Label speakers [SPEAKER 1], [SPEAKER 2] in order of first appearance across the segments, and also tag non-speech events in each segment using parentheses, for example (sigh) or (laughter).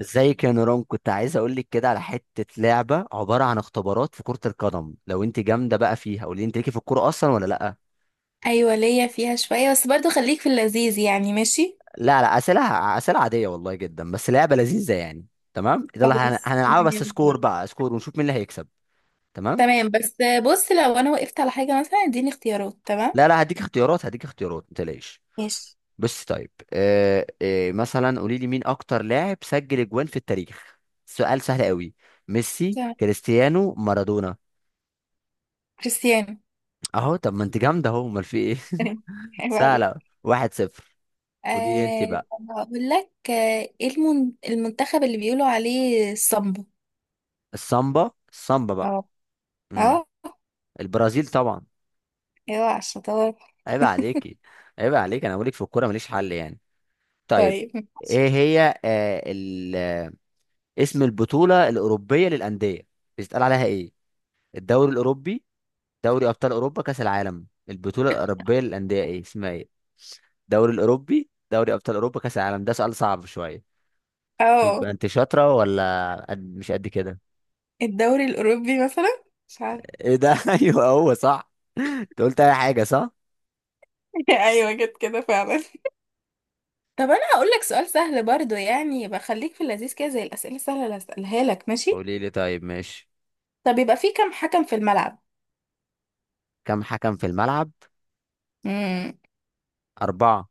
[SPEAKER 1] ازيك يا نوران، كنت عايز اقول لك كده على حته لعبه عباره عن اختبارات في كره القدم. لو انت جامده بقى فيها قولي لي، انت ليكي في الكوره اصلا ولا لا؟
[SPEAKER 2] ايوه، ليا فيها شويه. بس برضو خليك في اللذيذ يعني. ماشي.
[SPEAKER 1] لا، لا اسئله، اسئله عاديه والله جدا، بس لعبه لذيذه يعني. تمام، ده اللي هن-
[SPEAKER 2] خلاص.
[SPEAKER 1] هنلعبها
[SPEAKER 2] مية
[SPEAKER 1] بس سكور
[SPEAKER 2] بالمية.
[SPEAKER 1] بقى، سكور ونشوف مين اللي هيكسب. تمام.
[SPEAKER 2] تمام بس. بص، لو انا وقفت على حاجه مثلا اديني اختيارات. تمام.
[SPEAKER 1] لا لا، هديك اختيارات، هديك اختيارات ما تقلقيش.
[SPEAKER 2] ماشي.
[SPEAKER 1] بس طيب مثلا قولي لي، مين اكتر لاعب سجل اجوان في التاريخ؟ سؤال سهل قوي. ميسي،
[SPEAKER 2] تمام.
[SPEAKER 1] كريستيانو، مارادونا.
[SPEAKER 2] كريستيانو.
[SPEAKER 1] اهو، طب ما انت جامده اهو، امال في ايه؟
[SPEAKER 2] (laughs) حلو عليك.
[SPEAKER 1] سهلة. 1-0. قولي لي انت بقى.
[SPEAKER 2] طب هقول لك، ايه المنتخب اللي بيقولوا عليه الصمبا؟
[SPEAKER 1] السامبا، السامبا بقى.
[SPEAKER 2] اه. اه.
[SPEAKER 1] امم البرازيل طبعا.
[SPEAKER 2] ايوه، على الشطار.
[SPEAKER 1] عيب عليكي، عيب عليك، انا بقولك في الكورة ماليش حل يعني. طيب،
[SPEAKER 2] طيب.
[SPEAKER 1] ايه هي آه ال... آه، اسم البطولة الأوروبية للأندية؟ بيتقال عليها ايه؟ الدوري الأوروبي، دوري أبطال أوروبا، كأس العالم؟ البطولة الأوروبية للأندية ايه اسمها، ايه؟ الدوري الأوروبي، دوري أبطال أوروبا، كأس العالم. ده سؤال صعب شوية. يبقى
[SPEAKER 2] اه
[SPEAKER 1] انت شاطرة ولا مش قد كده؟
[SPEAKER 2] الدوري الاوروبي مثلا، مش عارفة.
[SPEAKER 1] ايه ده؟ (laughs) ايوه، هو صح. انت قلت اي حاجه صح.
[SPEAKER 2] (laughs) ايوه، جت كده فعلا. طب انا هقول لك سؤال سهل برضو يعني، يبقى خليك في اللذيذ كده زي الاسئله السهله اللي هسالها لك، ماشي؟
[SPEAKER 1] قولي لي طيب. ماشي،
[SPEAKER 2] طب يبقى في كام حكم في الملعب؟
[SPEAKER 1] كم حكم في الملعب؟
[SPEAKER 2] امم
[SPEAKER 1] اربعه.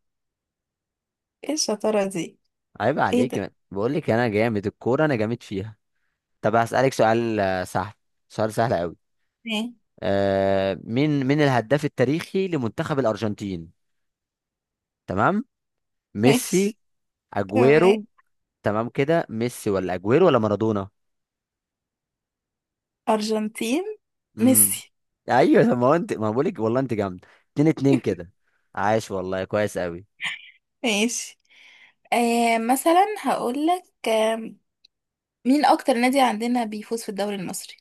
[SPEAKER 2] ايه الشطاره دي!
[SPEAKER 1] عيب
[SPEAKER 2] ايه ده!
[SPEAKER 1] عليك، بقول لك انا جامد الكوره، انا جامد فيها. طب هسالك سؤال سهل سؤال سهل قوي.
[SPEAKER 2] ماشي.
[SPEAKER 1] مين مين الهداف التاريخي لمنتخب الارجنتين؟ تمام. ميسي،
[SPEAKER 2] ماشي. تمام.
[SPEAKER 1] اجويرو. تمام كده، ميسي ولا اجويرو ولا مارادونا؟
[SPEAKER 2] ارجنتين.
[SPEAKER 1] امم
[SPEAKER 2] ميسي.
[SPEAKER 1] ايوه طب ما هو انت، ما بقول لك والله انت جامد. 2-2 كده. عاش والله، كويس قوي.
[SPEAKER 2] ماشي. مثلا هقول لك، مين اكتر نادي عندنا بيفوز في الدوري المصري؟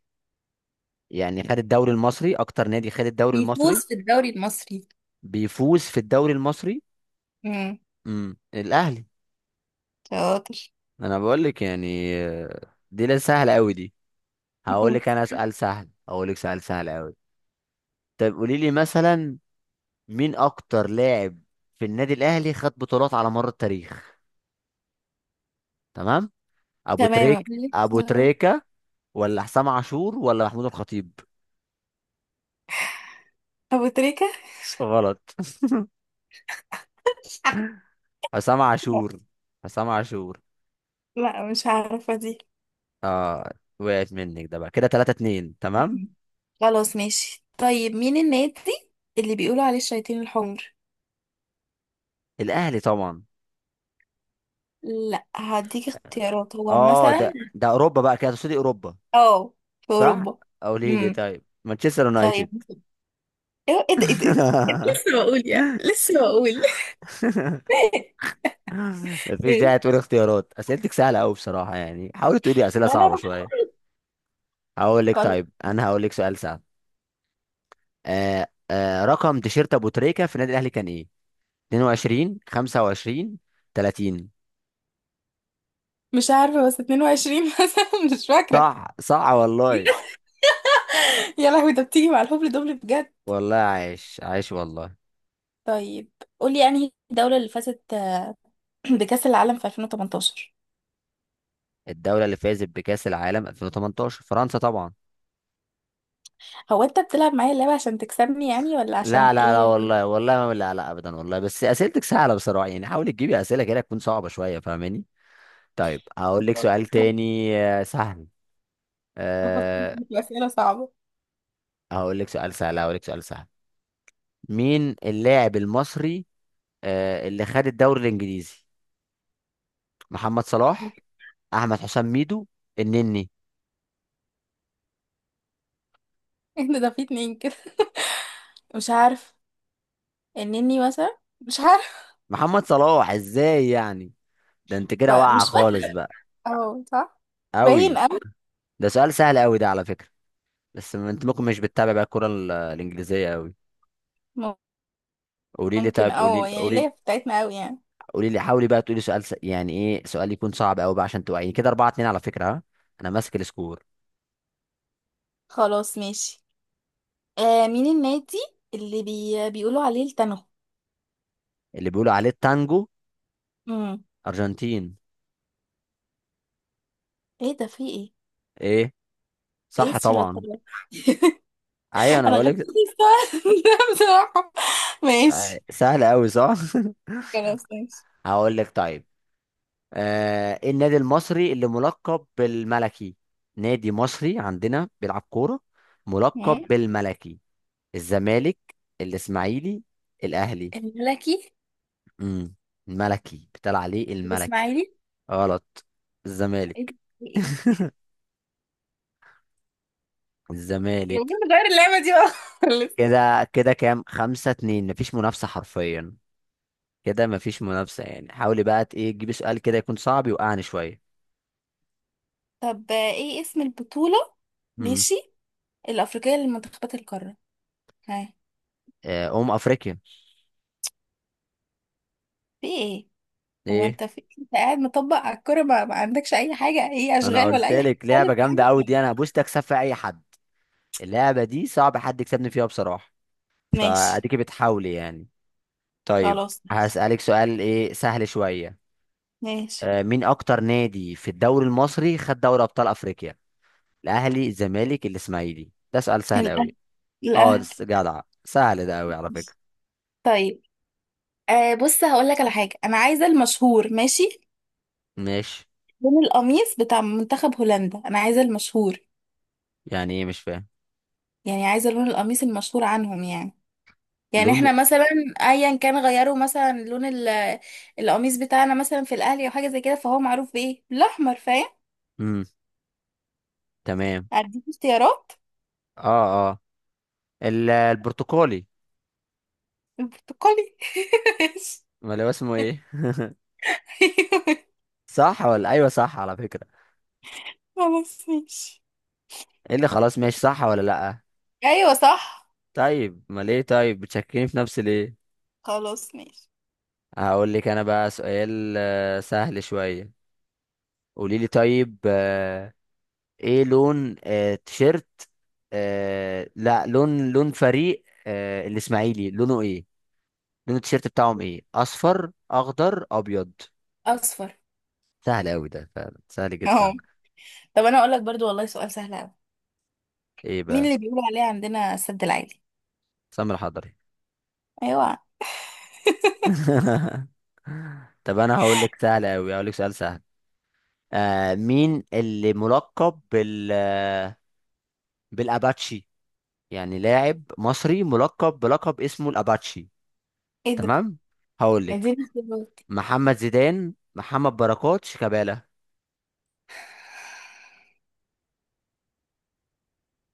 [SPEAKER 1] يعني خد الدوري المصري، اكتر نادي خد الدوري المصري،
[SPEAKER 2] بيفوز في الدوري المصري.
[SPEAKER 1] بيفوز في الدوري المصري؟
[SPEAKER 2] امم.
[SPEAKER 1] الاهلي
[SPEAKER 2] شاطر.
[SPEAKER 1] انا بقول لك يعني دي لا سهله قوي دي. هقول لك
[SPEAKER 2] خلاص.
[SPEAKER 1] انا سؤال سهل، هقول لك سؤال سهل قوي. طب قولي لي مثلا، مين اكتر لاعب في النادي الاهلي خد بطولات على مر التاريخ؟ تمام،
[SPEAKER 2] تمام.
[SPEAKER 1] ابو
[SPEAKER 2] آه،
[SPEAKER 1] تريكه ولا حسام عاشور ولا محمود الخطيب؟
[SPEAKER 2] ابو تريكه.
[SPEAKER 1] غلط. (laughs) حسام عاشور،
[SPEAKER 2] (laughs)
[SPEAKER 1] حسام عاشور.
[SPEAKER 2] لا، مش عارفة دي.
[SPEAKER 1] اه، وقعت منك. ده بقى كده 3-2، تمام.
[SPEAKER 2] مم. خلاص. ماشي. طيب، مين النادي اللي بيقولوا عليه الشياطين الحمر؟
[SPEAKER 1] الاهلي طبعا.
[SPEAKER 2] لا، هديك اختيارات هو
[SPEAKER 1] اه،
[SPEAKER 2] مثلا.
[SPEAKER 1] ده ده اوروبا بقى كده، تقصدي اوروبا؟
[SPEAKER 2] اه. في
[SPEAKER 1] صح.
[SPEAKER 2] اوروبا.
[SPEAKER 1] او ليه، ليه،
[SPEAKER 2] امم
[SPEAKER 1] طيب مانشستر
[SPEAKER 2] طيب.
[SPEAKER 1] يونايتد.
[SPEAKER 2] ايه ايه ده ايه ده إيه ده؟ إيه ده؟
[SPEAKER 1] (laughs)
[SPEAKER 2] لسه بقول يعني لسه بقول. (laughs)
[SPEAKER 1] مفيش
[SPEAKER 2] إيه؟
[SPEAKER 1] داعي تقول اختيارات، اسئلتك سهله قوي بصراحه، يعني حاولي تقولي اسئله
[SPEAKER 2] ما انا
[SPEAKER 1] صعبه شويه. هقول لك
[SPEAKER 2] بفكر.
[SPEAKER 1] طيب، انا هقول لك سؤال سهل. رقم تيشيرت ابو تريكه في النادي الاهلي كان ايه؟ 22، 25، 30؟
[SPEAKER 2] مش عارفه، بس 22 (laughs) مثلا، مش فاكره.
[SPEAKER 1] صح، صح والله،
[SPEAKER 2] يا لهوي! ده بتيجي مع الهبل دبل بجد.
[SPEAKER 1] والله عايش، عايش والله.
[SPEAKER 2] طيب، قولي انهي الدوله اللي فازت (clears throat) بكاس العالم في 2018؟
[SPEAKER 1] الدوله اللي فازت بكاس العالم 2018 فرنسا طبعا.
[SPEAKER 2] هو انت بتلعب معايا اللعبه عشان تكسبني يعني، ولا
[SPEAKER 1] لا
[SPEAKER 2] عشان
[SPEAKER 1] لا لا
[SPEAKER 2] ايه؟
[SPEAKER 1] والله، والله ما، لا لا ابدا والله، بس اسئلتك سهله بصراحه، يعني حاولي تجيبي اسئله كده تكون صعبه شويه، فاهماني؟ طيب هقول لك سؤال
[SPEAKER 2] (laughs)
[SPEAKER 1] تاني سهل
[SPEAKER 2] أفكر
[SPEAKER 1] أه
[SPEAKER 2] في أسئلة صعبة.
[SPEAKER 1] هقول لك سؤال سهل، هقول لك سؤال سهل. مين اللاعب المصري اللي خد الدوري الانجليزي؟ محمد صلاح، احمد حسام ميدو، النني.
[SPEAKER 2] إيه ده في 2 كده. مش عارف. النني مثلا، مش عارف.
[SPEAKER 1] محمد صلاح، ازاي يعني؟ ده انت كده
[SPEAKER 2] بقى
[SPEAKER 1] واقعه
[SPEAKER 2] مش
[SPEAKER 1] خالص
[SPEAKER 2] فاكرة.
[SPEAKER 1] بقى،
[SPEAKER 2] اه، صح. باين
[SPEAKER 1] قوي.
[SPEAKER 2] أوي.
[SPEAKER 1] ده سؤال سهل قوي ده على فكره، بس ما انت ممكن مش بتتابع بقى الكره الانجليزيه قوي.
[SPEAKER 2] م-
[SPEAKER 1] قولي لي
[SPEAKER 2] ممكن
[SPEAKER 1] طيب، قولي لي،
[SPEAKER 2] يعني،
[SPEAKER 1] قولي.
[SPEAKER 2] ليا في بتاعتنا أوي يعني.
[SPEAKER 1] قولي لي، حاولي بقى تقولي سؤال يعني ايه، سؤال يكون صعب قوي بقى عشان توعيني. كده 4-2 على فكرة، ها، انا ماسك السكور.
[SPEAKER 2] خلاص. ماشي. مين النادي اللي بيقولوا عليه التنغ؟
[SPEAKER 1] اللي بيقولوا عليه التانجو.
[SPEAKER 2] امم
[SPEAKER 1] ارجنتين.
[SPEAKER 2] ايه ده! في ايه؟
[SPEAKER 1] ايه؟
[SPEAKER 2] ايه
[SPEAKER 1] صح طبعا.
[SPEAKER 2] الشطارة! (laughs)
[SPEAKER 1] ايوه انا
[SPEAKER 2] انا
[SPEAKER 1] بقول
[SPEAKER 2] غلطت
[SPEAKER 1] لك.
[SPEAKER 2] السؤال (laughs) ده بصراحة. ماشي.
[SPEAKER 1] سهل قوي، صح.
[SPEAKER 2] خلاص. ماشي.
[SPEAKER 1] (laughs) هقول لك طيب، إيه النادي المصري اللي ملقب بالملكي؟ نادي مصري عندنا بيلعب كورة،
[SPEAKER 2] مم.
[SPEAKER 1] ملقب بالملكي. الزمالك، الاسماعيلي، الاهلي؟
[SPEAKER 2] الملكي.
[SPEAKER 1] امم الملكي بيتقال عليه الملكي.
[SPEAKER 2] الاسماعيلي.
[SPEAKER 1] غلط.
[SPEAKER 2] ايه ده؟
[SPEAKER 1] الزمالك،
[SPEAKER 2] في إيه؟ يعني
[SPEAKER 1] الزمالك.
[SPEAKER 2] نغير اللعبة دي بقى (laughs) خالص.
[SPEAKER 1] كده كده كام، 5-2، مفيش منافسة حرفيا. كده مفيش منافسة، يعني حاولي بقى ايه تجيبي سؤال كده يكون صعب يوقعني شوية.
[SPEAKER 2] طب ايه اسم البطولة.
[SPEAKER 1] امم
[SPEAKER 2] ماشي. الأفريقية لمنتخبات القارة. ها؟
[SPEAKER 1] أم أفريقيا.
[SPEAKER 2] في ايه؟ هو
[SPEAKER 1] ايه؟
[SPEAKER 2] انت في ايه؟ انت قاعد مطبق على الكرة، ما عندكش اي حاجة، اي
[SPEAKER 1] انا
[SPEAKER 2] اشغال، ولا
[SPEAKER 1] قلت
[SPEAKER 2] اي حاجة
[SPEAKER 1] لك
[SPEAKER 2] خالص.
[SPEAKER 1] لعبة جامدة قوي
[SPEAKER 2] يعني.
[SPEAKER 1] دي، انا هبوس اكسب في اي حد. اللعبة دي صعب حد يكسبني فيها بصراحة.
[SPEAKER 2] ماشي.
[SPEAKER 1] فاديكي بتحاولي يعني. طيب
[SPEAKER 2] خلاص. ماشي.
[SPEAKER 1] هسألك سؤال ايه، سهل شوية.
[SPEAKER 2] ماشي.
[SPEAKER 1] مين اكتر نادي في الدوري المصري خد دوري ابطال افريقيا؟ الاهلي، الزمالك، الاسماعيلي. ده سؤال سهل
[SPEAKER 2] الاهلي.
[SPEAKER 1] قوي. اه ده
[SPEAKER 2] الاهلي.
[SPEAKER 1] جدع سهل ده قوي على فكرة.
[SPEAKER 2] طيب. بص، هقول لك على حاجة. انا عايزة المشهور. ماشي؟
[SPEAKER 1] ماشي.
[SPEAKER 2] لون القميص بتاع منتخب هولندا. انا عايزة المشهور.
[SPEAKER 1] يعني ايه؟ مش فاهم.
[SPEAKER 2] يعني عايزة لون القميص المشهور عنهم يعني. يعني
[SPEAKER 1] لون.
[SPEAKER 2] احنا مثلا، ايا كان غيروا مثلا لون القميص بتاعنا مثلا في الاهلي او حاجه زي كده. فهو معروف بايه؟ بالاحمر. فاهم؟
[SPEAKER 1] امم تمام
[SPEAKER 2] هديك اختيارات.
[SPEAKER 1] اه، اه، البرتقالي
[SPEAKER 2] البرتقالي! (laughs) ماشي.
[SPEAKER 1] ولا هو اسمه ايه؟
[SPEAKER 2] أيوة.
[SPEAKER 1] صح ولا ايوه صح على فكرة؟
[SPEAKER 2] خلاص. ماشي.
[SPEAKER 1] ايه اللي خلاص ماشي، صح ولا لا؟
[SPEAKER 2] ايوه صح.
[SPEAKER 1] طيب ما ليه طيب، بتشكيني في نفسي ليه؟
[SPEAKER 2] خلاص. ماشي.
[SPEAKER 1] هقول لك انا بقى سؤال سهل شوية. قولي لي طيب، ايه لون آه، تيشيرت آه، لا لون لون فريق الاسماعيلي لونه ايه؟ لون التيشيرت بتاعهم ايه، اصفر، اخضر، ابيض؟
[SPEAKER 2] اصفر.
[SPEAKER 1] سهل أوي ده، فعلا سهل
[SPEAKER 2] اهو.
[SPEAKER 1] جدا.
[SPEAKER 2] طب انا اقول لك برضو والله سؤال سهل قوي.
[SPEAKER 1] إيه
[SPEAKER 2] مين
[SPEAKER 1] بقى؟
[SPEAKER 2] اللي بيقولوا عليه عندنا السد العالي؟
[SPEAKER 1] سمر حضري.
[SPEAKER 2] ايوه.
[SPEAKER 1] (laughs) طب أنا هقول لك سهل أوي، هقول لك سؤال سهل. مين اللي ملقب بالأباتشي يعني لاعب مصري ملقب بلقب اسمه الأباتشي.
[SPEAKER 2] ايه ده!
[SPEAKER 1] تمام. هقول لك،
[SPEAKER 2] اديني اختيارات.
[SPEAKER 1] محمد زيدان، محمد بركات، شيكابالا؟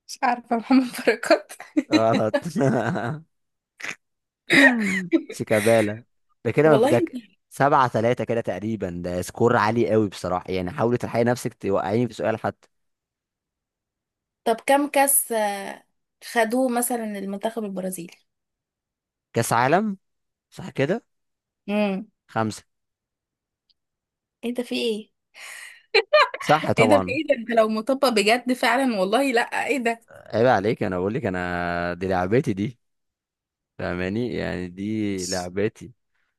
[SPEAKER 2] مش عارفة. محمد بركات؟
[SPEAKER 1] غلط. (laughs)
[SPEAKER 2] (laughs)
[SPEAKER 1] شيكابالا. ده كده
[SPEAKER 2] والله!
[SPEAKER 1] 7-3 كده تقريبا، ده سكور عالي قوي بصراحة، يعني حاولي تلحقي نفسك توقعيني في سؤال حتى.
[SPEAKER 2] طب كم كاس خدوه مثلا المنتخب البرازيلي؟
[SPEAKER 1] كاس عالم، صح كده؟
[SPEAKER 2] امم.
[SPEAKER 1] خمسة.
[SPEAKER 2] ايه ده! في ايه؟
[SPEAKER 1] صح
[SPEAKER 2] ايه ده! في
[SPEAKER 1] طبعا.
[SPEAKER 2] ايه ده! انت لو مطبق بجد فعلا والله، لا. ايه ده!
[SPEAKER 1] عيب عليك، انا بقول لك انا، دي لعبتي دي، فاهماني يعني؟ دي
[SPEAKER 2] ماشي.
[SPEAKER 1] لعبتي.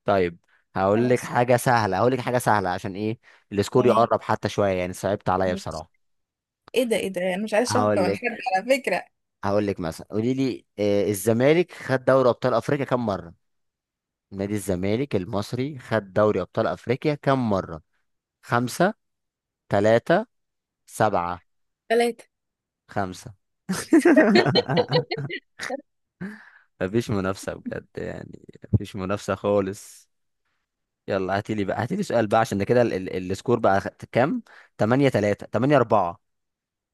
[SPEAKER 1] طيب هقول لك
[SPEAKER 2] خلاص.
[SPEAKER 1] حاجة سهلة، هقول لك حاجة سهلة عشان ايه، السكور
[SPEAKER 2] تمام.
[SPEAKER 1] يقرب حتى شوية، يعني صعبت عليا
[SPEAKER 2] ماشي.
[SPEAKER 1] بصراحة.
[SPEAKER 2] ايه ده! ايه ده! انا مش عايز شفقة
[SPEAKER 1] هقول
[SPEAKER 2] من حد،
[SPEAKER 1] لك،
[SPEAKER 2] على فكرة.
[SPEAKER 1] هقول لك مثلا قولي لي، الزمالك خد دوري ابطال افريقيا كم مرة؟ نادي الزمالك المصري خد دوري ابطال افريقيا كم مرة؟ خمسة، ثلاثة، سبعة؟
[SPEAKER 2] 3.
[SPEAKER 1] خمسة. (laughs) مفيش منافسة بجد يعني، مفيش منافسة خالص. يلا هاتيلي بقى، هاتيلي سؤال بقى، عشان ده كده السكور بقى كام 8-3، 8-4،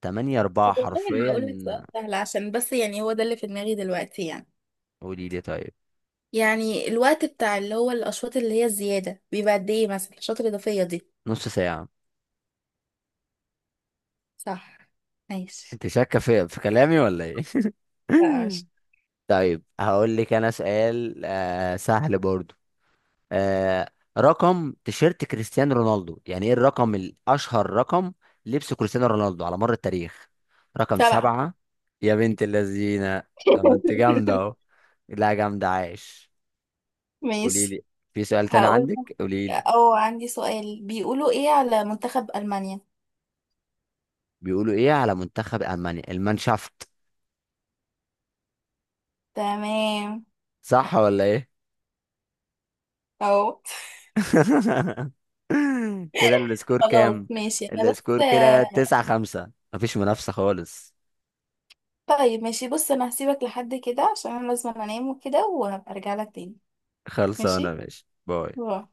[SPEAKER 1] 8
[SPEAKER 2] طب
[SPEAKER 1] 4
[SPEAKER 2] والله انا
[SPEAKER 1] حرفيا.
[SPEAKER 2] هقول لك سؤال سهل، عشان بس يعني هو ده اللي في دماغي دلوقتي يعني.
[SPEAKER 1] قولي لي طيب.
[SPEAKER 2] يعني الوقت بتاع اللي هو الاشواط اللي هي الزيادة، بيبقى قد ايه مثلا الاشواط الاضافية دي؟
[SPEAKER 1] نص ساعة.
[SPEAKER 2] صح. ماشي.
[SPEAKER 1] انت شاكة في كلامي ولا ايه؟
[SPEAKER 2] لا، مش.
[SPEAKER 1] (laughs) طيب هقول لك انا سؤال سهل برضو. آه رقم تيشيرت كريستيانو رونالدو يعني، ايه الرقم الاشهر، رقم لبس كريستيانو رونالدو على مر التاريخ؟ رقم
[SPEAKER 2] 7.
[SPEAKER 1] سبعة. يا بنت اللذينة، طب ما انت جامدة اهو.
[SPEAKER 2] (laughs)
[SPEAKER 1] لا جامدة، عايش. قولي
[SPEAKER 2] ماشي.
[SPEAKER 1] لي، في سؤال تاني
[SPEAKER 2] هقول
[SPEAKER 1] عندك؟ قولي لي.
[SPEAKER 2] لك او عندي سؤال. بيقولوا ايه على منتخب المانيا؟
[SPEAKER 1] بيقولوا ايه على منتخب المانيا؟ المانشافت.
[SPEAKER 2] تمام.
[SPEAKER 1] صح ولا ايه؟
[SPEAKER 2] اهو.
[SPEAKER 1] (laughs) كده السكور
[SPEAKER 2] خلاص.
[SPEAKER 1] كام؟
[SPEAKER 2] ماشي. انا بس.
[SPEAKER 1] السكور كده 9-5، مفيش منافسة خالص.
[SPEAKER 2] طيب ماشي. بص، انا هسيبك لحد كده عشان انا لازم انام وكده، وهبقى ارجع لك تاني.
[SPEAKER 1] خلصانة
[SPEAKER 2] ماشي.
[SPEAKER 1] ماشي، باي.
[SPEAKER 2] باي.